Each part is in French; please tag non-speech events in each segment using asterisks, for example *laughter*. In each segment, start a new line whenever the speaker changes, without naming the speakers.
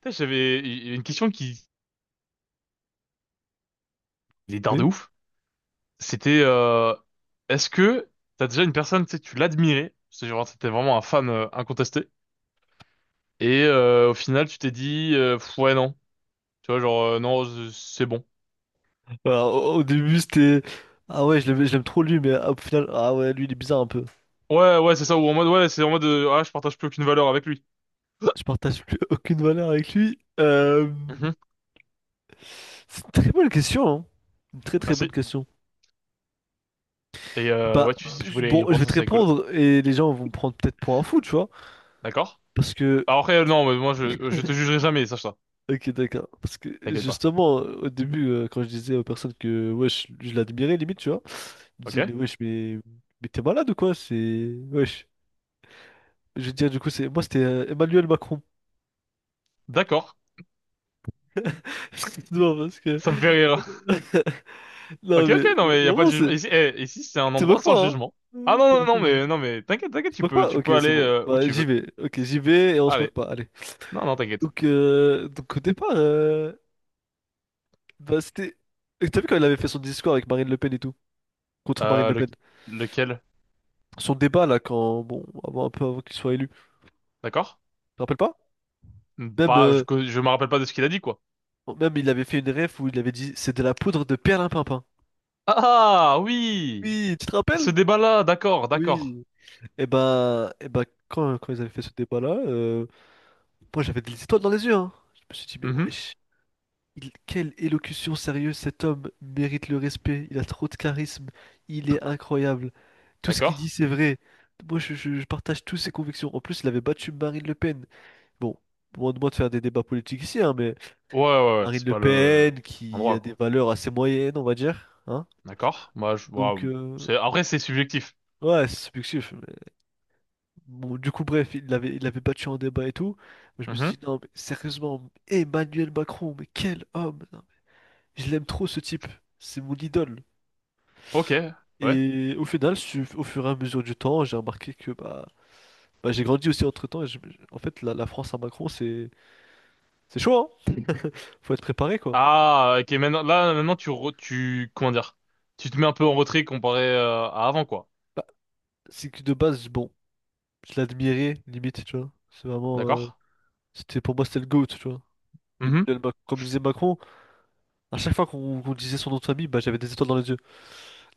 Putain, j'avais il y a une question qui il est dard de
Oui.
ouf. C'était est-ce que t'as déjà une personne, tu sais, tu l'admirais, c'est genre t'étais vraiment un fan incontesté, et au final tu t'es dit pff, ouais non, tu vois genre non c'est bon.
Alors, au début, c'était... Ah ouais, je l'aime trop lui, mais ah, au final, ah ouais, lui, il est bizarre un peu.
Ouais, ouais, c'est ça ou en mode ouais, c'est en mode ah, je partage plus aucune valeur avec lui.
Je
*laughs*
partage plus *laughs* aucune valeur avec lui.
Mhm,
C'est une très bonne question, hein. Une très très bonne
merci.
question.
Et
Bah,
ouais si tu
je-
voulais y
bon, je
reprendre
vais
ça
te
serait cool.
répondre et les gens vont me prendre peut-être pour un fou, tu vois.
D'accord.
Parce que...
Alors après non mais moi je te jugerai jamais, sache ça.
Ok, d'accord. Parce que
T'inquiète pas.
justement, au début, quand je disais aux personnes que ouais, je l'admirais, limite, tu vois, ils me disaient,
Ok.
mais wesh, mais t'es malade ou quoi? C'est... Wesh. Je veux dire, du coup, c'est moi, c'était Emmanuel Macron.
D'accord.
*laughs* Non, parce que...
Ça me fait rire.
*laughs* Non,
Ok, ok,
mais
non mais y a pas de
vraiment,
jugement.
c'est...
Ici, eh, ici c'est un
Te
endroit
moques
sans
pas, hein?
jugement. Ah non,
Tu
non, non, mais non, mais t'inquiète, t'inquiète,
te moques pas?
tu
Ok,
peux aller
c'est bon.
où
Bah,
tu
j'y
veux.
vais. Ok, j'y vais et on se
Allez,
moque pas. Allez.
non, non, t'inquiète.
Donc au départ, bah, c'était... Et t'as vu quand il avait fait son discours avec Marine Le Pen et tout? Contre Marine
Euh,
Le
le,
Pen.
lequel?
Son débat, là, quand... Bon, avant, un peu avant qu'il soit élu. Tu
D'accord?
te rappelles pas? Même,
Bah, je me rappelle pas de ce qu'il a dit, quoi.
bon, même, il avait fait une ref où il avait dit c'est de la poudre de perlimpinpin.
Ah, ah, oui,
Oui, tu te rappelles?
ce débat-là, d'accord, d'accord.
Oui. Et ben quand, quand ils avaient fait ce débat-là, moi, j'avais des étoiles dans les yeux, hein. Je me suis dit, mais
Mhm,
wesh, il- quelle élocution sérieuse, cet homme mérite le respect, il a trop de charisme, il est incroyable. Tout ce qu'il dit,
d'accord.
c'est vrai. Moi, je partage toutes ses convictions. En plus, il avait battu Marine Le Pen. Bon, loin de moi de faire des débats politiques ici, hein, mais
Ouais, ouais, ouais,
Marine
c'est
Le
pas le
Pen, qui
endroit,
a des
quoi.
valeurs assez moyennes, on va dire, hein.
D'accord. Moi, je, ouais,
Donc,
c'est après c'est subjectif.
ouais, c'est subjectif. Mais bon, du coup, bref, il l'avait battu en débat et tout. Moi, je me
Mhm,
suis dit, non, mais sérieusement, Emmanuel Macron, mais quel homme! Je l'aime trop ce type. C'est mon idole.
ok, ouais.
Et au final, su- au fur et à mesure du temps, j'ai remarqué que bah, bah, j'ai grandi aussi entre-temps. Et je- en fait, la France à Macron, c'est chaud, hein. Faut être préparé, quoi.
Ah, ok, maintenant, là, maintenant, tu, comment dire, tu te mets un peu en retrait comparé à avant, quoi.
Bah, c'est que de base, bon, je l'admirais, limite, tu vois. C'est vraiment...
D'accord?
c'était, pour moi, c'était le GOAT, tu vois.
Mhm.
Emmanuel Mac- Comme disait Macron, à chaque fois qu'on disait son nom de famille, bah, j'avais des étoiles dans les yeux.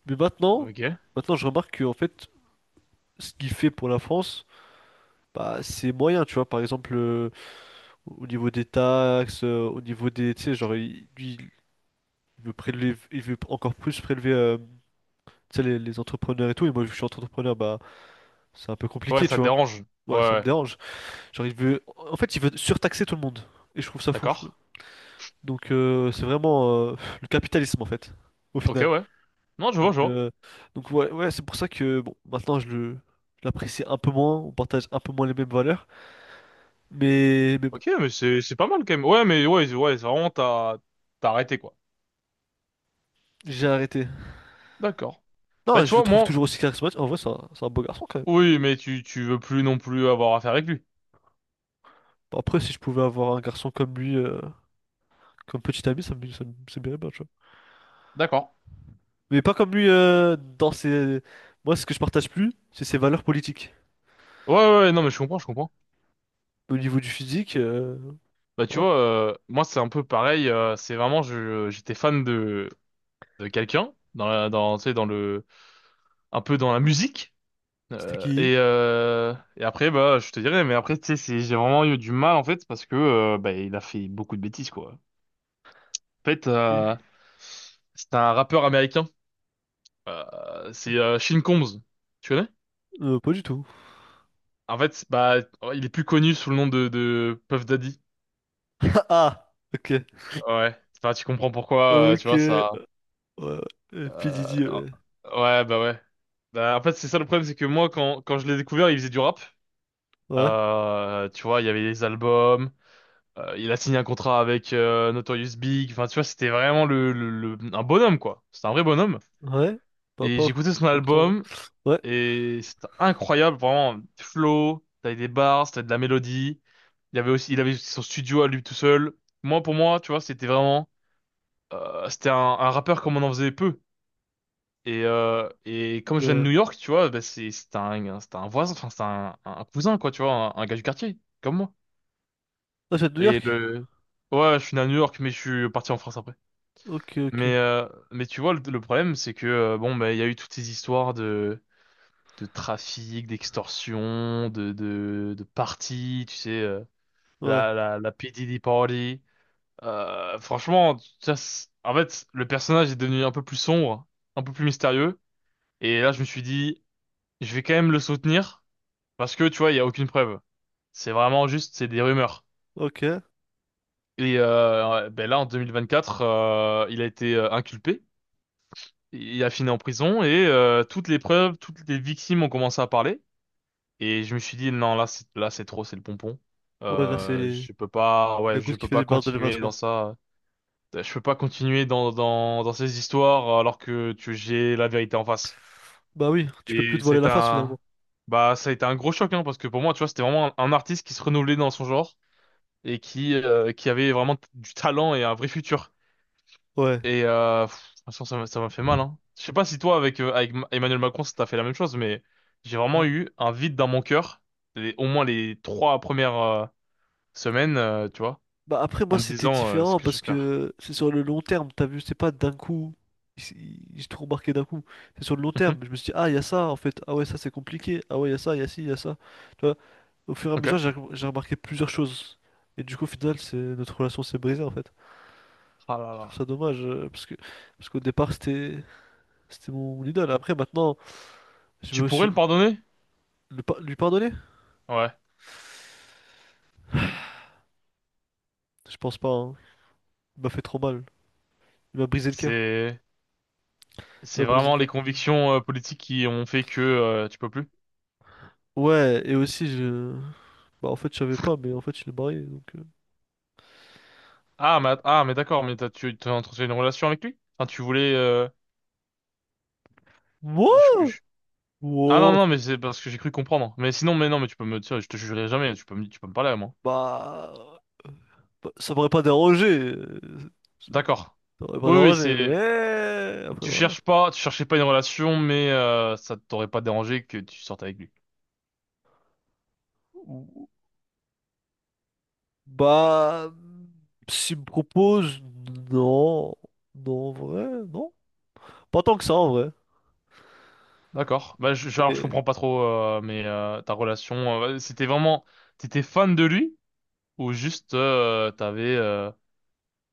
Mais maintenant,
Ok.
maintenant, je remarque que, en fait, ce qu'il fait pour la France, bah, c'est moyen, tu vois. Par exemple... au niveau des taxes, au niveau des... Tu sais, genre, il- lui, il veut prélever, il veut encore plus prélever tu sais, les entrepreneurs et tout. Et moi, vu que je suis entrepreneur, bah, c'est un peu
Ouais,
compliqué, tu
ça te
vois.
dérange. Ouais,
Ouais,
ouais,
ça me
ouais.
dérange. Genre, il veut... En fait, il veut surtaxer tout le monde. Et je trouve ça fou. Je-
D'accord.
donc, c'est vraiment le capitalisme, en fait, au
Ok,
final.
ouais. Non, je vois,
Donc,
je vois.
euh, donc ouais, ouais, c'est pour ça que, bon, maintenant, je le... je l'apprécie un peu moins, on partage un peu moins les mêmes valeurs, mais bon,
Ok, mais c'est pas mal quand même. Ouais, mais ouais, ouais, c'est vraiment, t'as arrêté, quoi.
j'ai arrêté.
D'accord. Bah,
Non,
tu
je le
vois,
trouve
moi,
toujours aussi charismatique. En vrai, c'est un beau garçon, quand même.
oui, mais tu veux plus non plus avoir affaire avec lui.
Bon, après, si je pouvais avoir un garçon comme lui, comme petit ami, ça me- ça m'irait bien, bon, tu vois.
D'accord.
Mais pas comme lui dans ses... Moi, ce que je partage plus, c'est ses valeurs politiques.
Ouais, ouais, ouais, non, mais je comprends, je comprends.
Au niveau du physique,
Bah, tu
voilà.
vois, moi, c'est un peu pareil, c'est vraiment, je, j'étais fan de quelqu'un, dans, tu sais, un peu dans la musique.
C'était qui?
Et après, bah, je te dirais, mais après, tu sais, j'ai vraiment eu du mal, en fait, parce que, bah, il a fait beaucoup de bêtises, quoi. En fait,
*laughs*
c'est un rappeur américain. C'est Sean Combs. Tu connais?
Pas du tout.
En fait, bah, il est plus connu sous le nom de Puff Daddy.
*laughs* Ah! Ok.
Ouais. Enfin, tu comprends pourquoi, tu
Ok.
vois, ça.
Ouais. P.
Euh,
Diddy, ouais.
ouais. Bah, en fait, c'est ça le problème, c'est que moi, quand je l'ai découvert, il faisait du rap.
Ouais.
Tu vois, il y avait les albums. Il a signé un contrat avec Notorious Big. Enfin, tu vois, c'était vraiment un bonhomme, quoi. C'était un vrai bonhomme.
Ouais. Pas,
Et
pas
j'écoutais son
tant que ça, ouais.
album
Ouais.
et c'était incroyable, vraiment. Flow, t'avais des bars, t'avais de la mélodie. Il avait son studio à lui tout seul. Moi, pour moi, tu vois, c'était vraiment, c'était un rappeur comme on en faisait peu. Et comme je viens de
Ouais.
New York, tu vois, bah, c'est c'est un voisin, enfin, c'est un cousin, quoi, tu vois, un gars du quartier, comme moi.
Ah, c'est de New
Et
York?
le, ouais, je suis né à New York, mais je suis parti en France après.
Ok, ok.
Mais tu vois, le problème, c'est que bon, bah, il y a eu toutes ces histoires de trafic, d'extorsion, de parties, tu sais,
Ouais.
la P. Diddy Party. Franchement, ça, en fait, le personnage est devenu un peu plus sombre, un peu plus mystérieux. Et là, je me suis dit, je vais quand même le soutenir parce que tu vois, il y a aucune preuve. C'est vraiment juste, c'est des rumeurs.
Ok. Ouais,
Et ouais, ben là, en 2024, il a été inculpé. Il a fini en prison et toutes les preuves, toutes les victimes ont commencé à parler. Et je me suis dit, non, là, là, c'est trop, c'est le pompon.
là, c'est
Je peux pas, ouais,
la
je
goutte qui
peux
fait des
pas
barres de l'évase,
continuer
quoi.
dans ça. Je peux pas continuer dans ces histoires alors que tu, j'ai la vérité en face.
Bah oui, tu peux plus
Et
te voiler
c'est
la face,
un,
finalement.
bah, ça a été un gros choc, hein, parce que pour moi, tu vois, c'était vraiment un artiste qui se renouvelait dans son genre et qui avait vraiment du talent et un vrai futur.
Ouais.
Et pff, franchement, ça m'a fait mal, hein. Je sais pas si toi, avec, avec Emmanuel Macron, ça t'a fait la même chose, mais j'ai vraiment
Ouais.
eu un vide dans mon cœur, les, au moins les 3 premières semaines, tu vois,
Bah après
en
moi
me
c'était
disant ce
différent
que je
parce
perds.
que c'est sur le long terme, t'as vu, c'est pas d'un coup, ils ils- ils se d'un coup, c'est sur le long
Mhm.
terme, je me suis dit ah il y a ça en fait, ah ouais ça c'est compliqué, ah ouais il y a ça, il y a ci, il y a ça, tu vois, au fur et à mesure
Ok.
j'ai remarqué plusieurs choses et du coup au final c'est notre relation s'est brisée en fait,
Ah là
je
là.
trouve ça dommage parce que parce qu'au départ c'était c'était mon idole, après maintenant je
Tu
me
pourrais
suis...
le pardonner?
Le pa- lui pardonner?
Ouais.
Je pense pas, hein. Il m'a fait trop mal, il m'a brisé le cœur,
C'est
il
c'est
m'a brisé le
vraiment les
cœur.
convictions politiques qui ont fait que tu peux plus.
Ouais, et aussi je... Bah, en fait, je savais pas, mais en fait, il est marié, donc...
Ah mais d'accord, mais t'as, tu as entretenu une relation avec lui? Enfin, tu voulais. Je,
Moi?
je- Ah non,
Wow.
non, mais c'est parce que j'ai cru comprendre. Mais sinon, mais non, mais tu peux me dire, je te jugerai jamais, tu peux me parler à moi.
Bah... bah, ça m'aurait pas dérangé. euh,
D'accord.
Ça m'aurait pas
Oui, oui,
dérangé,
c'est,
mais... Après,
tu
voilà.
cherches pas, tu cherchais pas une relation, mais ça t'aurait pas dérangé que tu sortes avec lui.
Ou- bah... S'il me propose... Non. Non, en vrai, non. Pas tant que ça, en vrai.
D'accord. Bah, alors, je
Mais...
comprends pas trop, mais ta relation, ouais, c'était vraiment, t'étais fan de lui ou juste t'avais,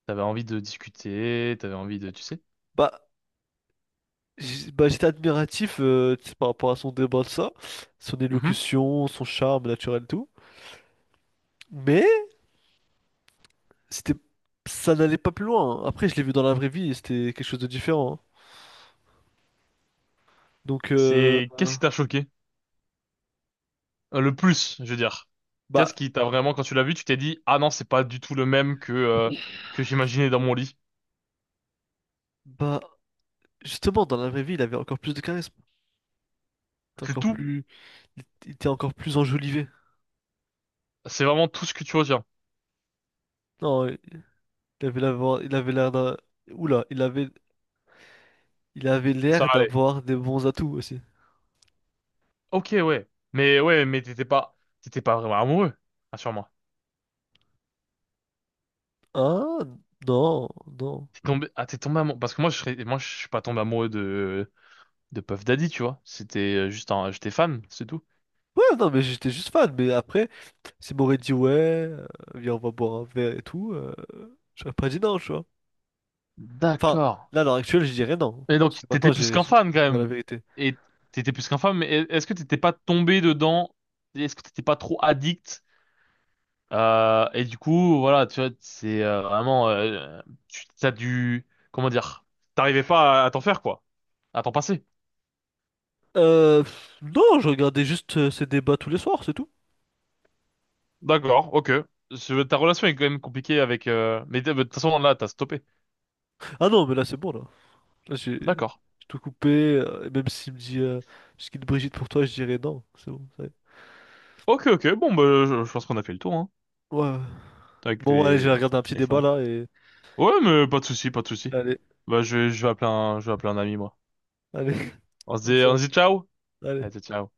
t'avais envie de discuter, t'avais envie de, tu sais.
bah... j'- bah, j'étais admiratif tu sais, par rapport à son débat de ça, son
Mhm.
élocution, son charme naturel, tout. Mais c'était, ça n'allait pas plus loin. Après, je l'ai vu dans la vraie vie et c'était quelque chose de différent, hein. Donc,
C'est, qu'est-ce qui t'a choqué? Le plus, je veux dire.
bah,
Qu'est-ce qui t'a vraiment, quand tu l'as vu, tu t'es dit, ah non, c'est pas du tout le même que j'imaginais dans mon lit.
bah, justement, dans la vraie vie, il avait encore plus de charisme. Il était
C'est
encore
tout.
plus, il était encore plus enjolivé.
C'est vraiment tout ce que tu retiens.
Non, il avait l'avoir il avait l'air d'un, oula, il avait
Ça
l'air
allait.
d'avoir des bons atouts aussi.
Ok, ouais. Mais ouais, mais t'étais pas vraiment amoureux. Assure-moi.
Ah, non, non.
T'es tombé, ah, t'es tombé amoureux. Parce que moi, je serais, moi, je suis pas tombé amoureux de Puff Daddy, tu vois. C'était juste un, j'étais fan, c'est tout.
Ouais, non, mais j'étais juste fan. Mais après, s'il m'aurait dit ouais, viens, on va boire un verre et tout, j'aurais pas dit non, tu vois. Enfin,
D'accord.
là, à l'heure actuelle, je dirais non.
Et donc,
Parce que maintenant,
t'étais plus
j'ai
qu'un
j'ai
fan, quand
découvert la
même.
vérité.
Et t'étais plus qu'un fan, mais est-ce que t'étais pas tombé dedans? Est-ce que t'étais pas trop addict? Et du coup, voilà, tu vois, c'est vraiment, tu t'as dû, comment dire, t'arrivais pas à, à t'en faire quoi, à t'en passer.
Non, je regardais juste ces débats tous les soirs, c'est tout.
D'accord, ok. Ta relation est quand même compliquée avec, mais de toute façon là, t'as stoppé.
Ah non, mais là c'est bon là. Là j'ai
D'accord.
tout coupé. Et même s'il me dit ce qu'il Brigitte pour toi, je dirais non. C'est bon, ça y est.
Ok, ok. Bon, bah, je pense qu'on a fait le tour, hein,
Ouais, ouais.
avec
Bon, ouais, allez, je vais regarder un petit
les
débat
fans.
là et
Ouais, mais pas de souci, pas de souci.
allez,
Bah, je vais appeler un, je vais appeler un ami moi.
allez, *laughs* bonne
On
soirée.
se dit ciao.
Allez.
Allez, ciao.